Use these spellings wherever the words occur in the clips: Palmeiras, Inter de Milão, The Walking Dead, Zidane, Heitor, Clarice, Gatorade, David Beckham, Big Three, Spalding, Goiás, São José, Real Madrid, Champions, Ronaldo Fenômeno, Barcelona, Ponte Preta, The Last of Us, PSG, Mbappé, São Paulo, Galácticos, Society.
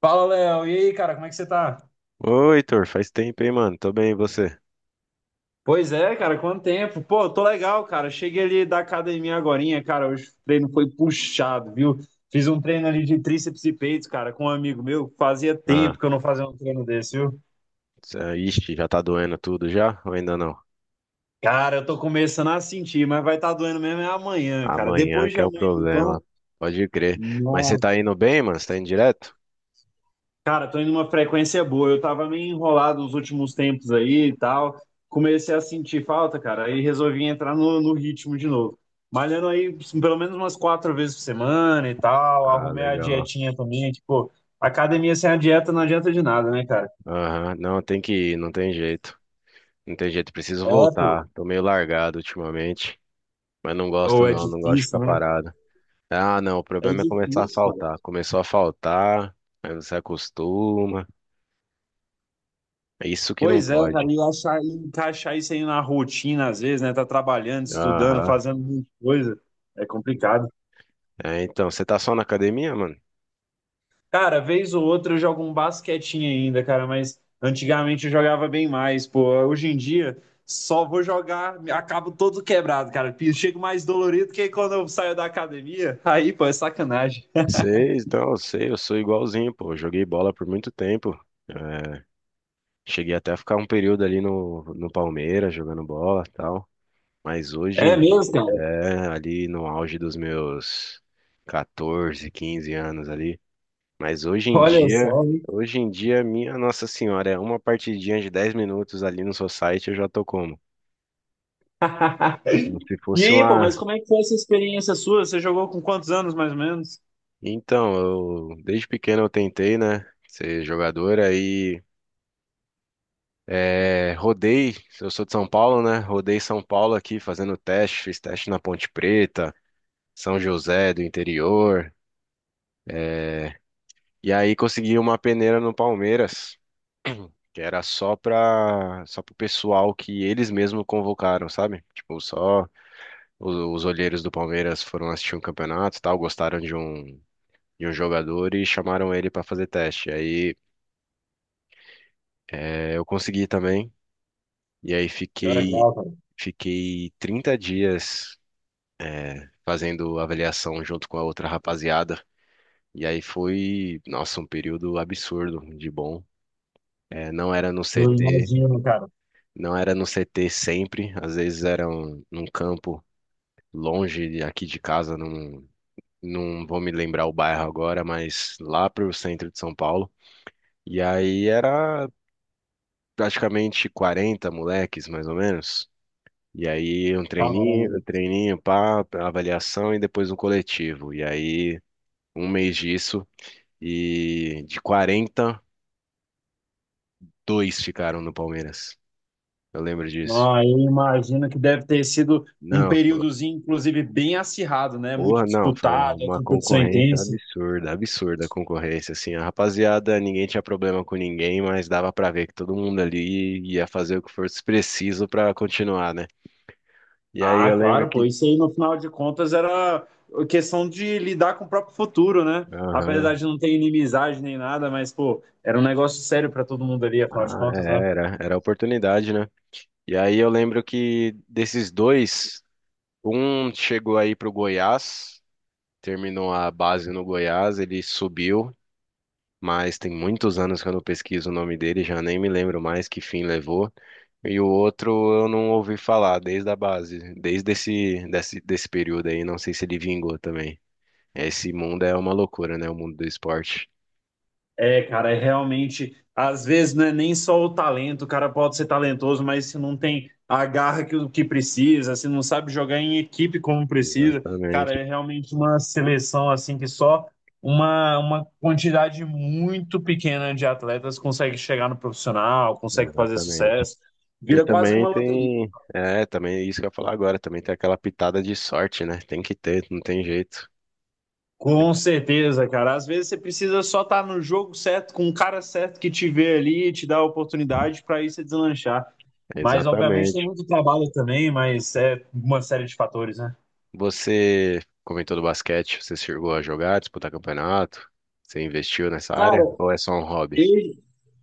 Fala, Léo. E aí, cara, como é que você tá? Oi, Heitor, faz tempo, hein, mano? Tô bem, e você? Pois é, cara, quanto tempo? Pô, tô legal, cara. Cheguei ali da academia agorinha, cara. Hoje o treino foi puxado, viu? Fiz um treino ali de tríceps e peitos, cara, com um amigo meu. Fazia tempo Ah, que eu não fazia um treino desse, viu? Ixi, já tá doendo tudo já? Ou ainda não? Cara, eu tô começando a sentir, mas vai estar doendo mesmo é amanhã, cara. Amanhã Depois que de é o amanhã, então. problema. Pode crer. Mas você tá indo bem, mano? Você tá indo direto? Cara, tô indo numa frequência boa. Eu tava meio enrolado nos últimos tempos aí e tal. Comecei a sentir falta, cara. Aí resolvi entrar no ritmo de novo. Malhando aí pelo menos umas quatro vezes por semana e tal. Ah, Arrumei a legal. dietinha também. Tipo, academia sem a dieta não adianta de nada, né, cara? Aham, não, tem que ir, não tem jeito. Não tem jeito, preciso É, pô. voltar. Tô meio largado ultimamente, mas não gosto Ou é não, não gosto de ficar difícil, né? parado. Ah, não, o É problema é começar a difícil, cara. faltar. Começou a faltar, aí você acostuma. É isso que não Pois é, pode. cara. E achar, e encaixar isso aí na rotina, às vezes, né? Tá trabalhando, estudando, Aham. fazendo muita coisa. É complicado. É, então, você tá só na academia, mano? Cara, vez ou outra eu jogo um basquetinho ainda, cara, mas antigamente eu jogava bem mais, pô. Hoje em dia só vou jogar, acabo todo quebrado, cara. Chego mais dolorido que quando eu saio da academia. Aí, pô, é sacanagem. Sei, então, eu sei, eu sou igualzinho, pô. Eu joguei bola por muito tempo. É, cheguei até a ficar um período ali no Palmeiras jogando bola e tal. Mas hoje É em dia, mesmo, cara? é, ali no auge dos meus 14, 15 anos ali. Mas hoje em Olha dia, só, hein? hoje em dia, minha Nossa Senhora, é uma partidinha de 10 minutos ali no Society, eu já tô como? Como se E fosse aí, pô, mas uma. como é que foi essa experiência sua? Você jogou com quantos anos, mais ou menos? Então, eu desde pequeno eu tentei, né? Ser jogador, aí. É, rodei, eu sou de São Paulo, né? Rodei São Paulo aqui fazendo teste, fiz teste na Ponte Preta, São José do interior. é, E aí consegui uma peneira no Palmeiras, que era só pro pessoal que eles mesmos convocaram, sabe? Tipo, só os olheiros do Palmeiras foram assistir um campeonato, e tal, gostaram de um jogador e chamaram ele para fazer teste. Aí eu consegui também. E aí Que fiquei legal, cara. fiquei 30 dias fazendo avaliação junto com a outra rapaziada. E aí foi, nossa, um período absurdo de bom. É, não era no Eu CT, imagino, cara. não era no CT sempre, às vezes era um, num campo longe aqui de casa, não vou me lembrar o bairro agora, mas lá pro centro de São Paulo. E aí era praticamente 40 moleques, mais ou menos. E aí um treininho, Caramba. um treininho, pá, avaliação e depois um coletivo. E aí um mês disso. E de 40 dois ficaram no Palmeiras. Eu lembro disso. Ah, eu imagino que deve ter sido um Não, foi- períodozinho, inclusive, bem acirrado, né? Muito Porra, não, foi disputado, a uma competição concorrência intensa. absurda, absurda a concorrência, assim, a rapaziada, ninguém tinha problema com ninguém, mas dava pra ver que todo mundo ali ia fazer o que fosse preciso pra continuar, né? E aí Ah, eu lembro claro, pô, que, isso aí no final de contas era questão de lidar com o próprio futuro, né? Apesar aham, de não ter inimizade nem nada, mas, pô, era um negócio sério para todo mundo ali, afinal de ah, contas, né? é, era a oportunidade, né? E aí eu lembro que desses dois, um chegou aí pro Goiás, terminou a base no Goiás, ele subiu, mas tem muitos anos que eu não pesquiso o nome dele, já nem me lembro mais que fim levou. E o outro eu não ouvi falar desde a base, desse período aí, não sei se ele vingou também. Esse mundo é uma loucura, né? O mundo do esporte. É, cara, é realmente. Às vezes não é nem só o talento, o cara pode ser talentoso, mas se não tem a garra que precisa, se não sabe jogar em equipe como precisa, cara, Exatamente, é realmente uma seleção assim que só uma quantidade muito pequena de atletas consegue chegar no profissional, consegue fazer exatamente. sucesso. E Vira quase que também uma loteria. tem, é, também isso que eu ia falar agora, também tem aquela pitada de sorte, né? Tem que ter, não tem jeito. Com certeza, cara. Às vezes você precisa só estar no jogo certo, com o cara certo que te vê ali e te dá a oportunidade para isso deslanchar. Mas, obviamente, tem Exatamente. muito trabalho também, mas é uma série de fatores, né? Você comentou do basquete, você chegou a jogar, disputar campeonato? Você investiu nessa Cara, área? Ou é só um hobby? eu,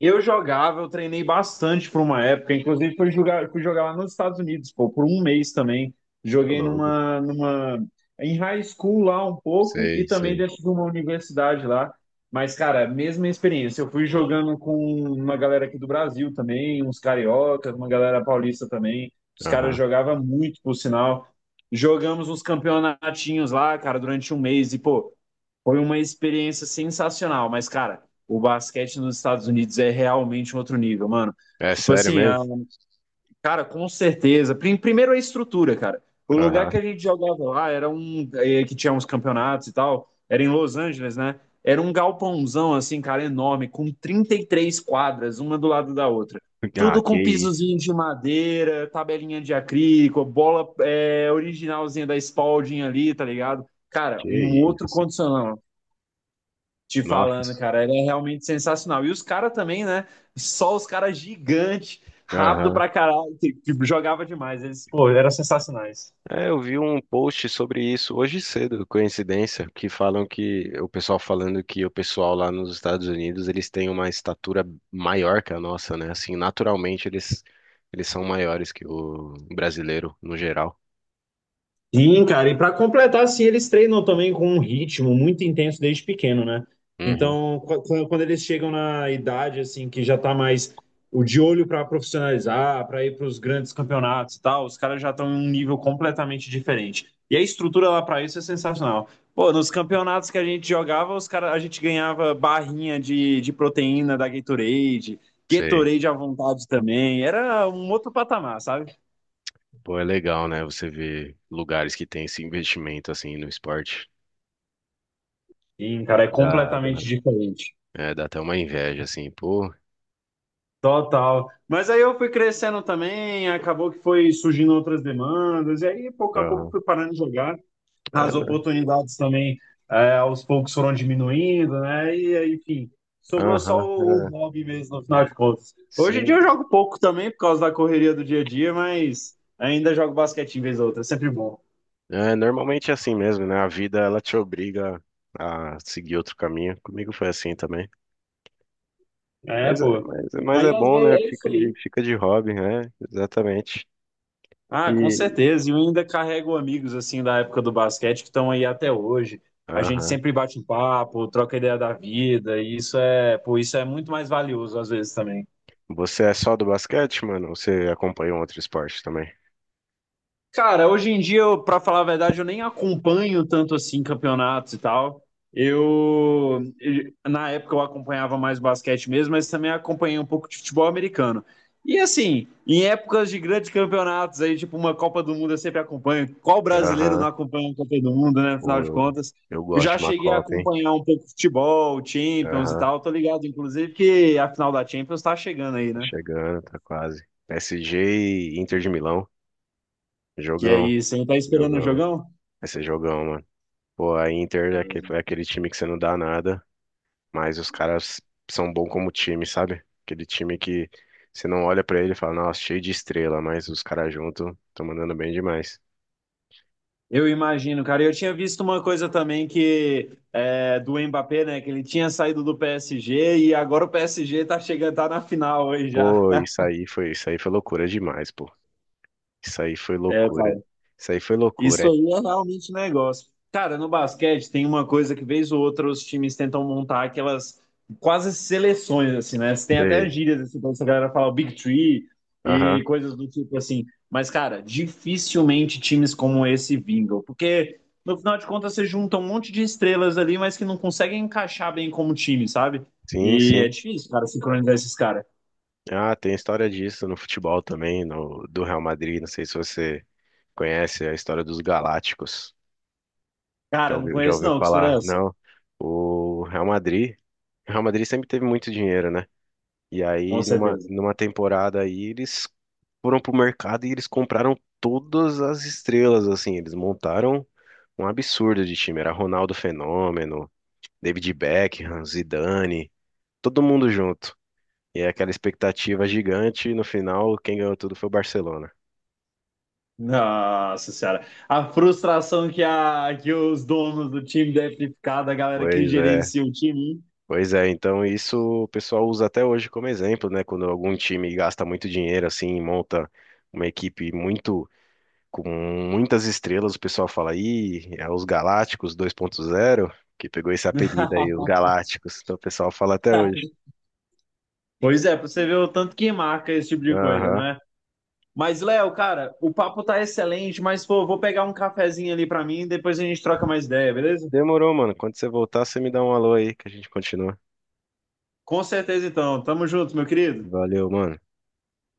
Eu jogava, eu treinei bastante por uma época, inclusive fui jogar lá nos Estados Unidos, pô, por um mês também. Ô, Joguei louco. Em high school lá um pouco Sei, e também sei. dentro de uma universidade lá. Mas, cara, mesma experiência. Eu fui jogando com uma galera aqui do Brasil também, uns cariocas, uma galera paulista também. Os caras Aham. jogavam muito, por sinal. Jogamos uns campeonatinhos lá, cara, durante um mês. E, pô, foi uma experiência sensacional, mas, cara, o basquete nos Estados Unidos é realmente um outro nível, mano. É Tipo sério assim, a- mesmo? Cara, com certeza. Primeiro a estrutura, cara. O lugar Aham. que a gente jogava lá era um. Que tinha uns campeonatos e tal. Era em Los Angeles, né? Era um galpãozão, assim, cara, enorme, com 33 quadras, uma do lado da outra. Ah, Tudo que com isso, pisozinho de madeira, tabelinha de acrílico, bola originalzinha da Spalding ali, tá ligado? Cara, um que outro isso. condicional. Te falando, Nossa. cara, ele é realmente sensacional. E os caras também, né? Só os caras gigantes, rápido Aham. pra caralho, que jogava demais. Eles, pô, eram sensacionais. É, eu vi um post sobre isso hoje cedo, coincidência, que falam que o pessoal falando que o pessoal lá nos Estados Unidos, eles têm uma estatura maior que a nossa, né? Assim, naturalmente eles são maiores que o brasileiro no geral. Sim, cara, e para completar, assim, eles treinam também com um ritmo muito intenso desde pequeno, né? Uhum. Então, quando eles chegam na idade, assim, que já tá mais o de olho para profissionalizar, para ir para os grandes campeonatos e tal, os caras já estão em um nível completamente diferente. E a estrutura lá para isso é sensacional. Pô, nos campeonatos que a gente jogava, os cara, a gente ganhava barrinha de proteína da Gatorade, Sei. Gatorade à vontade também. Era um outro patamar, sabe? Pô, é legal, né? Você vê lugares que tem esse investimento assim no esporte. Sim, cara, é Dá, dá. completamente diferente. É, dá até uma inveja, assim, pô. Total. Mas aí eu fui crescendo também, acabou que foi surgindo outras demandas, e aí pouco a pouco Aham. fui parando de jogar. É, As né? oportunidades também, é, aos poucos foram diminuindo, né? E aí, enfim, sobrou só Aham, o é. hobby mesmo, no final de contas. Hoje em dia Sim. eu jogo pouco também, por causa da correria do dia a dia, mas ainda jogo basquete em vez ou outra, é sempre bom. É, normalmente é assim mesmo, né? A vida ela te obriga a seguir outro caminho. Comigo foi assim também. É, Mas é, pô. mas, mas Mas é às bom, vezes né? é isso Fica de, aí. fica de hobby, né? Exatamente. Ah, com E, certeza. E eu ainda carrego amigos assim da época do basquete que estão aí até hoje. A gente aham. sempre bate um papo, troca ideia da vida, e isso é, pô, isso é muito mais valioso às vezes também. Você é só do basquete, mano? Ou você acompanha um outro esporte também? Cara, hoje em dia, eu, pra falar a verdade, eu nem acompanho tanto assim campeonatos e tal. Na época eu acompanhava mais basquete mesmo, mas também acompanhei um pouco de futebol americano. E assim, em épocas de grandes campeonatos aí, tipo uma Copa do Mundo, eu sempre acompanho. Qual brasileiro não Aham. acompanha uma Copa do Mundo, né? Afinal Pô, de eu, contas, eu eu gosto já de uma cheguei a Copa, hein? acompanhar um pouco futebol, Champions e Aham, tal. Tô ligado, inclusive, que a final da Champions tá chegando aí, tá né? chegando, tá quase. PSG e Inter de Milão. Que Jogão, aí, você não tá esperando o jogão. jogão? Vai ser jogão, mano. Pô, a Inter é aquele time que você não dá nada, mas os caras são bons como time, sabe? Aquele time que você não olha pra ele e fala, nossa, cheio de estrela, mas os caras juntos estão mandando bem demais. Eu imagino, cara. Eu tinha visto uma coisa também que é, do Mbappé, né? Que ele tinha saído do PSG e agora o PSG tá chegando, tá na final aí já. Pô, isso aí foi loucura demais, pô. Isso aí foi É, loucura. cara. Isso aí foi Isso loucura. aí é realmente negócio. Cara, no basquete tem uma coisa que vez ou outra os times tentam montar aquelas quase seleções, assim, né? Tem até Sei. gírias, assim, pra essa galera falar o Big Three Aham. e coisas do tipo assim. Mas, cara, dificilmente times como esse vingam, porque no final de contas você junta um monte de estrelas ali, mas que não conseguem encaixar bem como time, sabe? Sim, E é sim. difícil, cara, sincronizar esses caras. Ah, tem história disso no futebol também, no, do Real Madrid. Não sei se você conhece a história dos Galácticos. Cara, não Já conheço ouviu não, que história é falar? essa? Não. O Real Madrid, o Real Madrid sempre teve muito dinheiro, né? E Com aí, numa, certeza. numa temporada aí, eles foram pro mercado e eles compraram todas as estrelas, assim. Eles montaram um absurdo de time. Era Ronaldo Fenômeno, David Beckham, Zidane, todo mundo junto. E é aquela expectativa gigante. E no final, quem ganhou tudo foi o Barcelona. Nossa senhora, a frustração que, a, que os donos do time devem ficar, da galera que Pois é, gerencia o time. pois é. Então isso o pessoal usa até hoje como exemplo, né? Quando algum time gasta muito dinheiro assim, monta uma equipe muito com muitas estrelas, o pessoal fala aí, é os Galácticos 2.0, que pegou esse apelido aí, os Galácticos. Então o pessoal fala até hoje. Pois é, pra você ver o tanto que marca esse tipo de coisa, Aham. não é? Mas, Léo, cara, o papo tá excelente, mas pô, vou pegar um cafezinho ali pra mim e depois a gente troca mais ideia, beleza? Demorou, mano. Quando você voltar, você me dá um alô aí que a gente continua. Com certeza então, tamo junto, meu querido. Valeu, mano.